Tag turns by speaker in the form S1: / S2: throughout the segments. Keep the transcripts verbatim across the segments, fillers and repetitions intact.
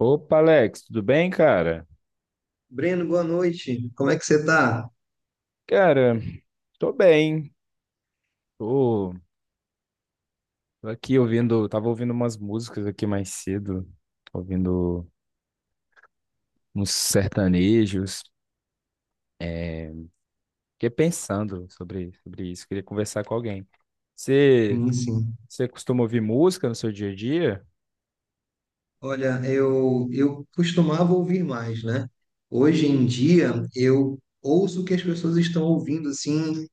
S1: Opa, Alex, tudo bem, cara?
S2: Breno, boa noite. Como é que você tá?
S1: Cara, tô bem. Tô tô aqui ouvindo, tava ouvindo umas músicas aqui mais cedo, ouvindo uns sertanejos. É, fiquei pensando sobre, sobre isso, queria conversar com alguém. Você,
S2: Sim, sim.
S1: Você costuma ouvir música no seu dia a dia?
S2: Olha, eu, eu costumava ouvir mais, né? Hoje em dia, eu ouço o que as pessoas estão ouvindo, assim,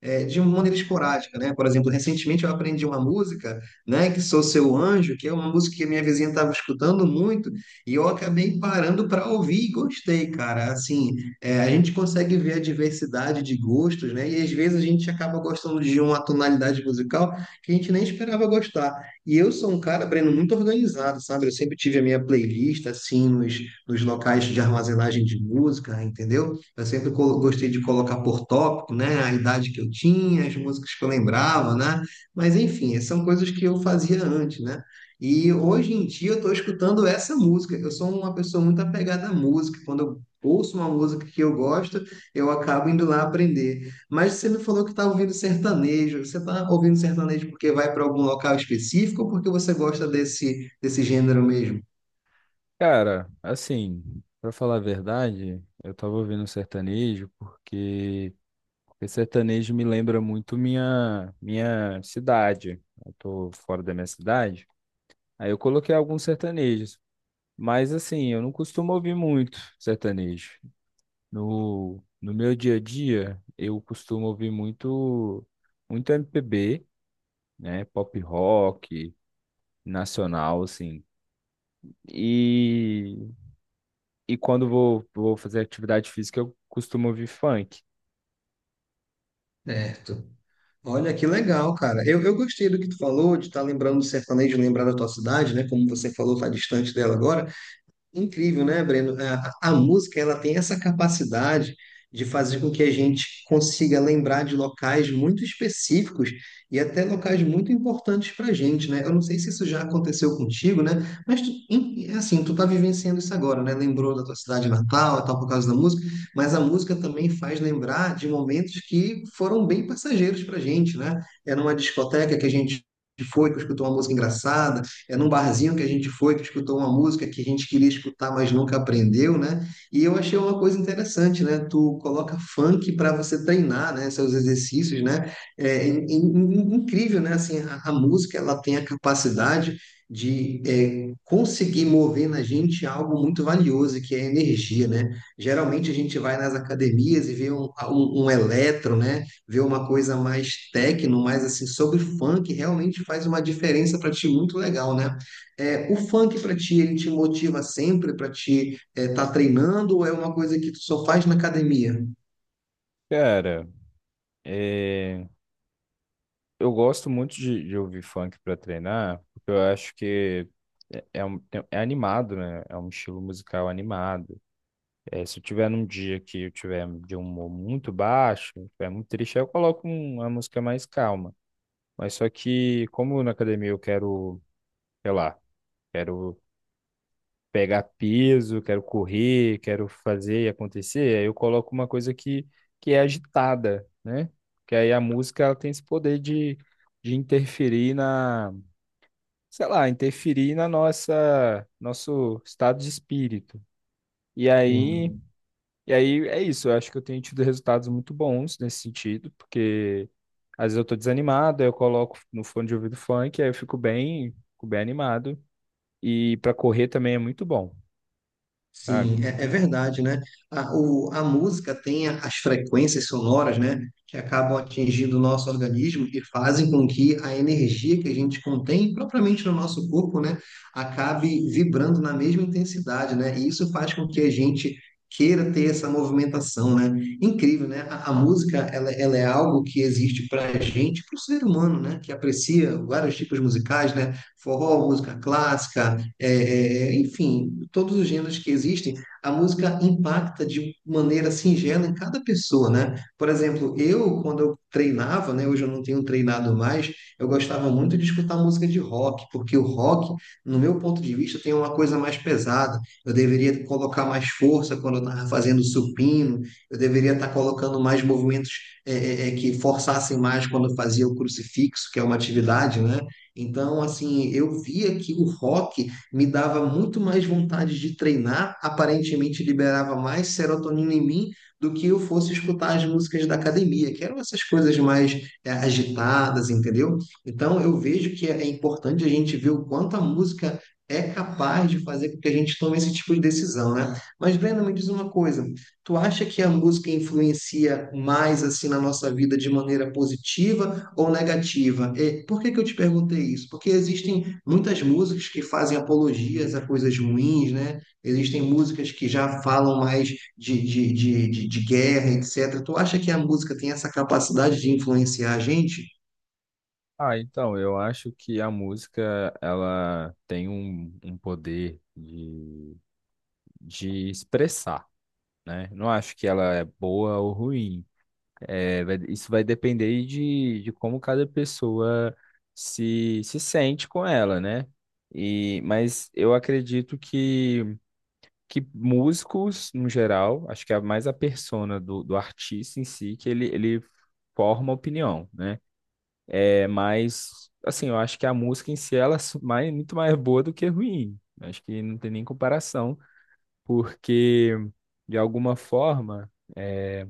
S2: é, de uma maneira esporádica, né? Por exemplo, recentemente eu aprendi uma música, né, que Sou Seu Anjo, que é uma música que a minha vizinha estava escutando muito, e eu acabei parando para ouvir e gostei, cara. Assim, é, a gente consegue ver a diversidade de gostos, né? E às vezes a gente acaba gostando de uma tonalidade musical que a gente nem esperava gostar. E eu sou um cara, Breno, muito organizado, sabe? Eu sempre tive a minha playlist, assim, nos, nos locais de armazenagem de música, entendeu? Eu sempre colo- gostei de colocar por tópico, né? A idade que eu tinha, as músicas que eu lembrava, né? Mas enfim, são coisas que eu fazia antes, né? E hoje em dia eu estou escutando essa música. Eu sou uma pessoa muito apegada à música. Quando eu ouço uma música que eu gosto, eu acabo indo lá aprender. Mas você me falou que está ouvindo sertanejo. Você está ouvindo sertanejo porque vai para algum local específico ou porque você gosta desse, desse gênero mesmo?
S1: Cara, assim, pra falar a verdade, eu tava ouvindo um sertanejo porque porque sertanejo me lembra muito minha minha cidade. Eu tô fora da minha cidade. Aí eu coloquei alguns sertanejos. Mas assim, eu não costumo ouvir muito sertanejo. No, no meu dia a dia, eu costumo ouvir muito, muito M P B, né? Pop rock, nacional, assim. E, e quando vou, vou fazer atividade física, eu costumo ouvir funk.
S2: Certo. Olha que legal, cara. Eu, eu gostei do que tu falou, de estar lembrando do sertanejo, lembrar da tua cidade, né? Como você falou, tá distante dela agora. Incrível, né, Breno? A, a música ela tem essa capacidade de fazer com que a gente consiga lembrar de locais muito específicos e até locais muito importantes para a gente, né? Eu não sei se isso já aconteceu contigo, né? Mas tu, em- é assim, tu tá vivenciando isso agora, né? Lembrou da tua cidade natal, e tal, por causa da música, mas a música também faz lembrar de momentos que foram bem passageiros para a gente, né? Era uma discoteca que a gente foi, que escutou uma música engraçada é num barzinho que a gente foi, que escutou uma música que a gente queria escutar, mas nunca aprendeu, né? E eu achei uma coisa interessante, né? Tu coloca funk para você treinar, né? Seus exercícios, né? É, in- in- incrível, né? Assim, a, a música, ela tem a capacidade de é, conseguir mover na gente algo muito valioso, que é a energia, né? Geralmente a gente vai nas academias e vê um, um, um eletro, né? Ver uma coisa mais techno, mais assim, sobre funk, realmente faz uma diferença para ti muito legal, né? É, o funk para ti, ele te motiva sempre para ti estar treinando ou é uma coisa que tu só faz na academia?
S1: Cara, é, eu gosto muito de, de ouvir funk para treinar, porque eu acho que é, é, um- é é animado, né? É um estilo musical animado. É, se eu tiver num dia que eu tiver de um humor muito baixo, tiver muito triste, aí eu coloco um- uma música mais calma. Mas só que, como na academia eu quero, sei lá, quero pegar peso, quero correr, quero fazer e acontecer, aí eu coloco uma coisa que, que é agitada, né? Que aí a música ela tem esse poder de, de interferir na, sei lá, interferir na nossa, nosso estado de espírito. E aí.
S2: Sim.
S1: E aí é isso, eu acho que eu tenho tido resultados muito bons nesse sentido, porque às vezes eu tô desanimado, aí eu coloco no fone de ouvido funk, aí eu fico bem, fico bem animado. E para correr também é muito bom,
S2: Sim,
S1: sabe?
S2: é, é verdade, né? A, o, a música tem a- as frequências sonoras, né, que acabam atingindo o nosso organismo e fazem com que a energia que a gente contém propriamente no nosso corpo, né, acabe vibrando na mesma intensidade, né? E isso faz com que a gente queira ter essa movimentação, né? Incrível, né? A, a música, ela, ela é algo que existe para a gente, para o ser humano, né, que aprecia vários tipos musicais, né? Forró, música clássica é, é, é, enfim, todos os gêneros que existem, a música impacta de maneira singela em cada pessoa, né? Por exemplo, eu, quando eu treinava, né, hoje eu não tenho treinado mais, eu gostava muito de escutar música de rock, porque o rock, no meu ponto de vista, tem uma coisa mais pesada. Eu deveria colocar mais força quando eu estava fazendo supino, eu deveria estar colocando mais movimentos é, é, é, que forçassem mais quando eu fazia o crucifixo, que é uma atividade, né? Então, assim, eu via que o rock me dava muito mais vontade de treinar, aparentemente liberava mais serotonina em mim do que eu fosse escutar as músicas da academia, que eram essas coisas mais é, agitadas, entendeu? Então eu vejo que é importante a gente ver o quanto a música é capaz de fazer com que a gente tome esse tipo de decisão, né? Mas Brenda, me diz uma coisa, tu acha que a música influencia mais assim na nossa vida de maneira positiva ou negativa? E por que que eu te perguntei isso? Porque existem muitas músicas que fazem apologias a coisas ruins, né? Existem músicas que já falam mais de, de, de, de, de guerra, etcétera. Tu acha que a música tem essa capacidade de influenciar a gente?
S1: Ah, então, eu acho que a música, ela tem um, um poder de, de expressar, né? Não acho que ela é boa ou ruim. É, vai- isso vai depender de, de como cada pessoa se, se sente com ela, né? E, mas eu acredito que, que músicos, no geral, acho que é mais a persona do, do artista em si, que ele, ele forma opinião, né? É, mas, assim, eu acho que a música em si, ela é su- mais, muito mais boa do que ruim. Acho que não tem nem comparação, porque, de alguma forma, é,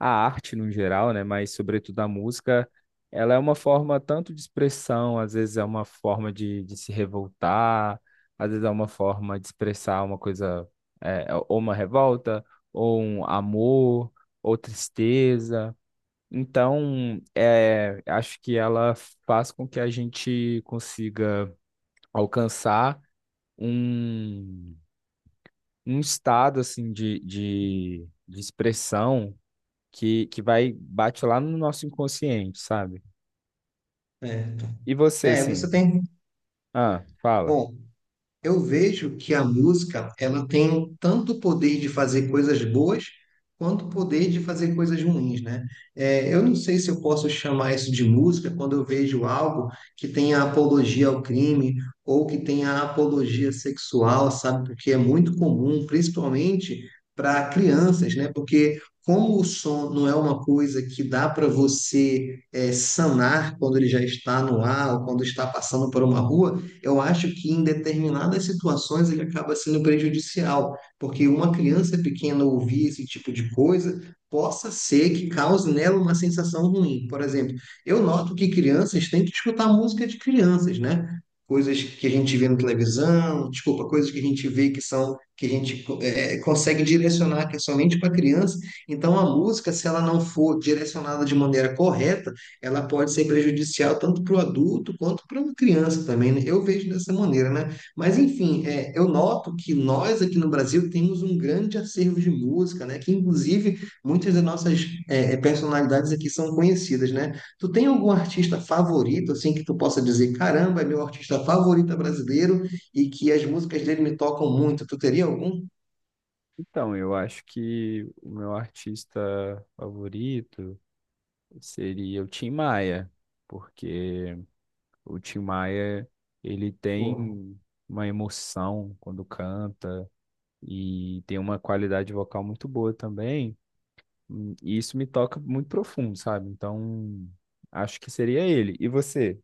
S1: a arte no geral, né, mas sobretudo a música, ela é uma forma tanto de expressão, às vezes é uma forma de, de se revoltar, às vezes é uma forma de expressar uma coisa, é, é, ou uma revolta, ou um amor, ou tristeza. Então, é, acho que ela faz com que a gente consiga alcançar um, um estado assim de, de, de expressão que, que vai, bate lá no nosso inconsciente, sabe?
S2: É,
S1: E você,
S2: é,
S1: assim?
S2: você tem.
S1: Ah, fala.
S2: Bom, eu vejo que a música, ela tem tanto poder de fazer coisas boas, quanto poder de fazer coisas ruins, né? É, eu não sei se eu posso chamar isso de música quando eu vejo algo que tenha apologia ao crime ou que tenha apologia sexual, sabe? Porque é muito comum, principalmente para crianças, né? Porque como o som não é uma coisa que dá para você é, sanar quando ele já está no ar ou quando está passando por uma rua, eu acho que em determinadas situações ele acaba sendo prejudicial, porque uma criança pequena ouvir esse tipo de coisa possa ser que cause nela uma sensação ruim. Por exemplo, eu noto que crianças têm que escutar música de crianças, né? Coisas que a gente vê na televisão, desculpa, coisas que a gente vê que são que a gente eh, consegue direcionar que é somente para criança. Então a música, se ela não for direcionada de maneira correta, ela pode ser prejudicial tanto para o adulto quanto para uma criança também, né? Eu vejo dessa maneira, né? Mas, enfim, é, eu noto que nós aqui no Brasil temos um grande acervo de música, né? Que, inclusive, muitas das nossas é, é, personalidades aqui são conhecidas, né? Tu tem algum artista favorito, assim, que tu possa dizer, caramba, é meu artista favorito brasileiro e que as músicas dele me tocam muito? Tu teria algum?
S1: Então, eu acho que o meu artista favorito seria o Tim Maia, porque o Tim Maia, ele tem uma emoção quando canta e tem uma qualidade vocal muito boa também, hum, e isso me toca muito profundo, sabe? Então, acho que seria ele. E você?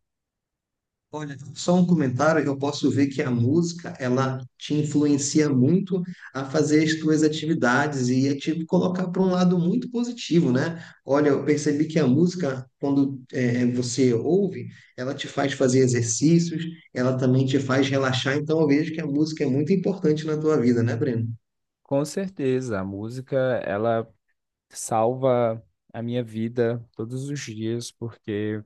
S2: Olha, só um comentário, eu posso ver que a música, ela te influencia muito a fazer as tuas atividades e a te colocar para um lado muito positivo, né? Olha, eu percebi que a música, quando eh, você ouve, ela te faz fazer exercícios, ela também te faz relaxar, então eu vejo que a música é muito importante na tua vida, né, Breno?
S1: Com certeza, a música, ela salva a minha vida todos os dias, porque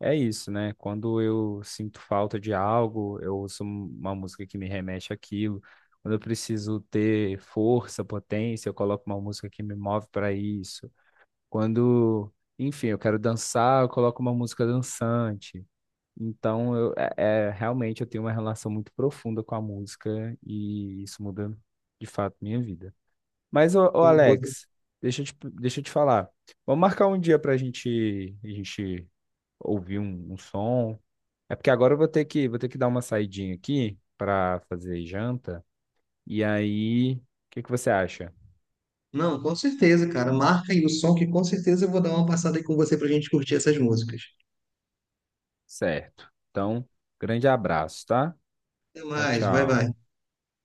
S1: é isso, né? Quando eu sinto falta de algo, eu ouço uma música que me remete àquilo. Quando eu preciso ter força, potência, eu coloco uma música que me move para isso. Quando, enfim, eu quero dançar, eu coloco uma música dançante. Então, eu, é, é- realmente eu tenho uma relação muito profunda com a música e isso muda de fato minha vida. Mas, ô, ô,
S2: Um pouco.
S1: Alex, deixa eu te, deixa eu te falar. Vamos marcar um dia pra gente, a gente ouvir um, um som. É porque agora eu vou ter que, vou ter que dar uma saidinha aqui pra fazer janta. E aí, o que que você acha?
S2: Não, com certeza, cara. Marca aí o som que com certeza eu vou dar uma passada aí com você para a gente curtir essas músicas.
S1: Certo. Então, grande abraço, tá?
S2: Até
S1: Tchau,
S2: mais, vai,
S1: tchau.
S2: vai.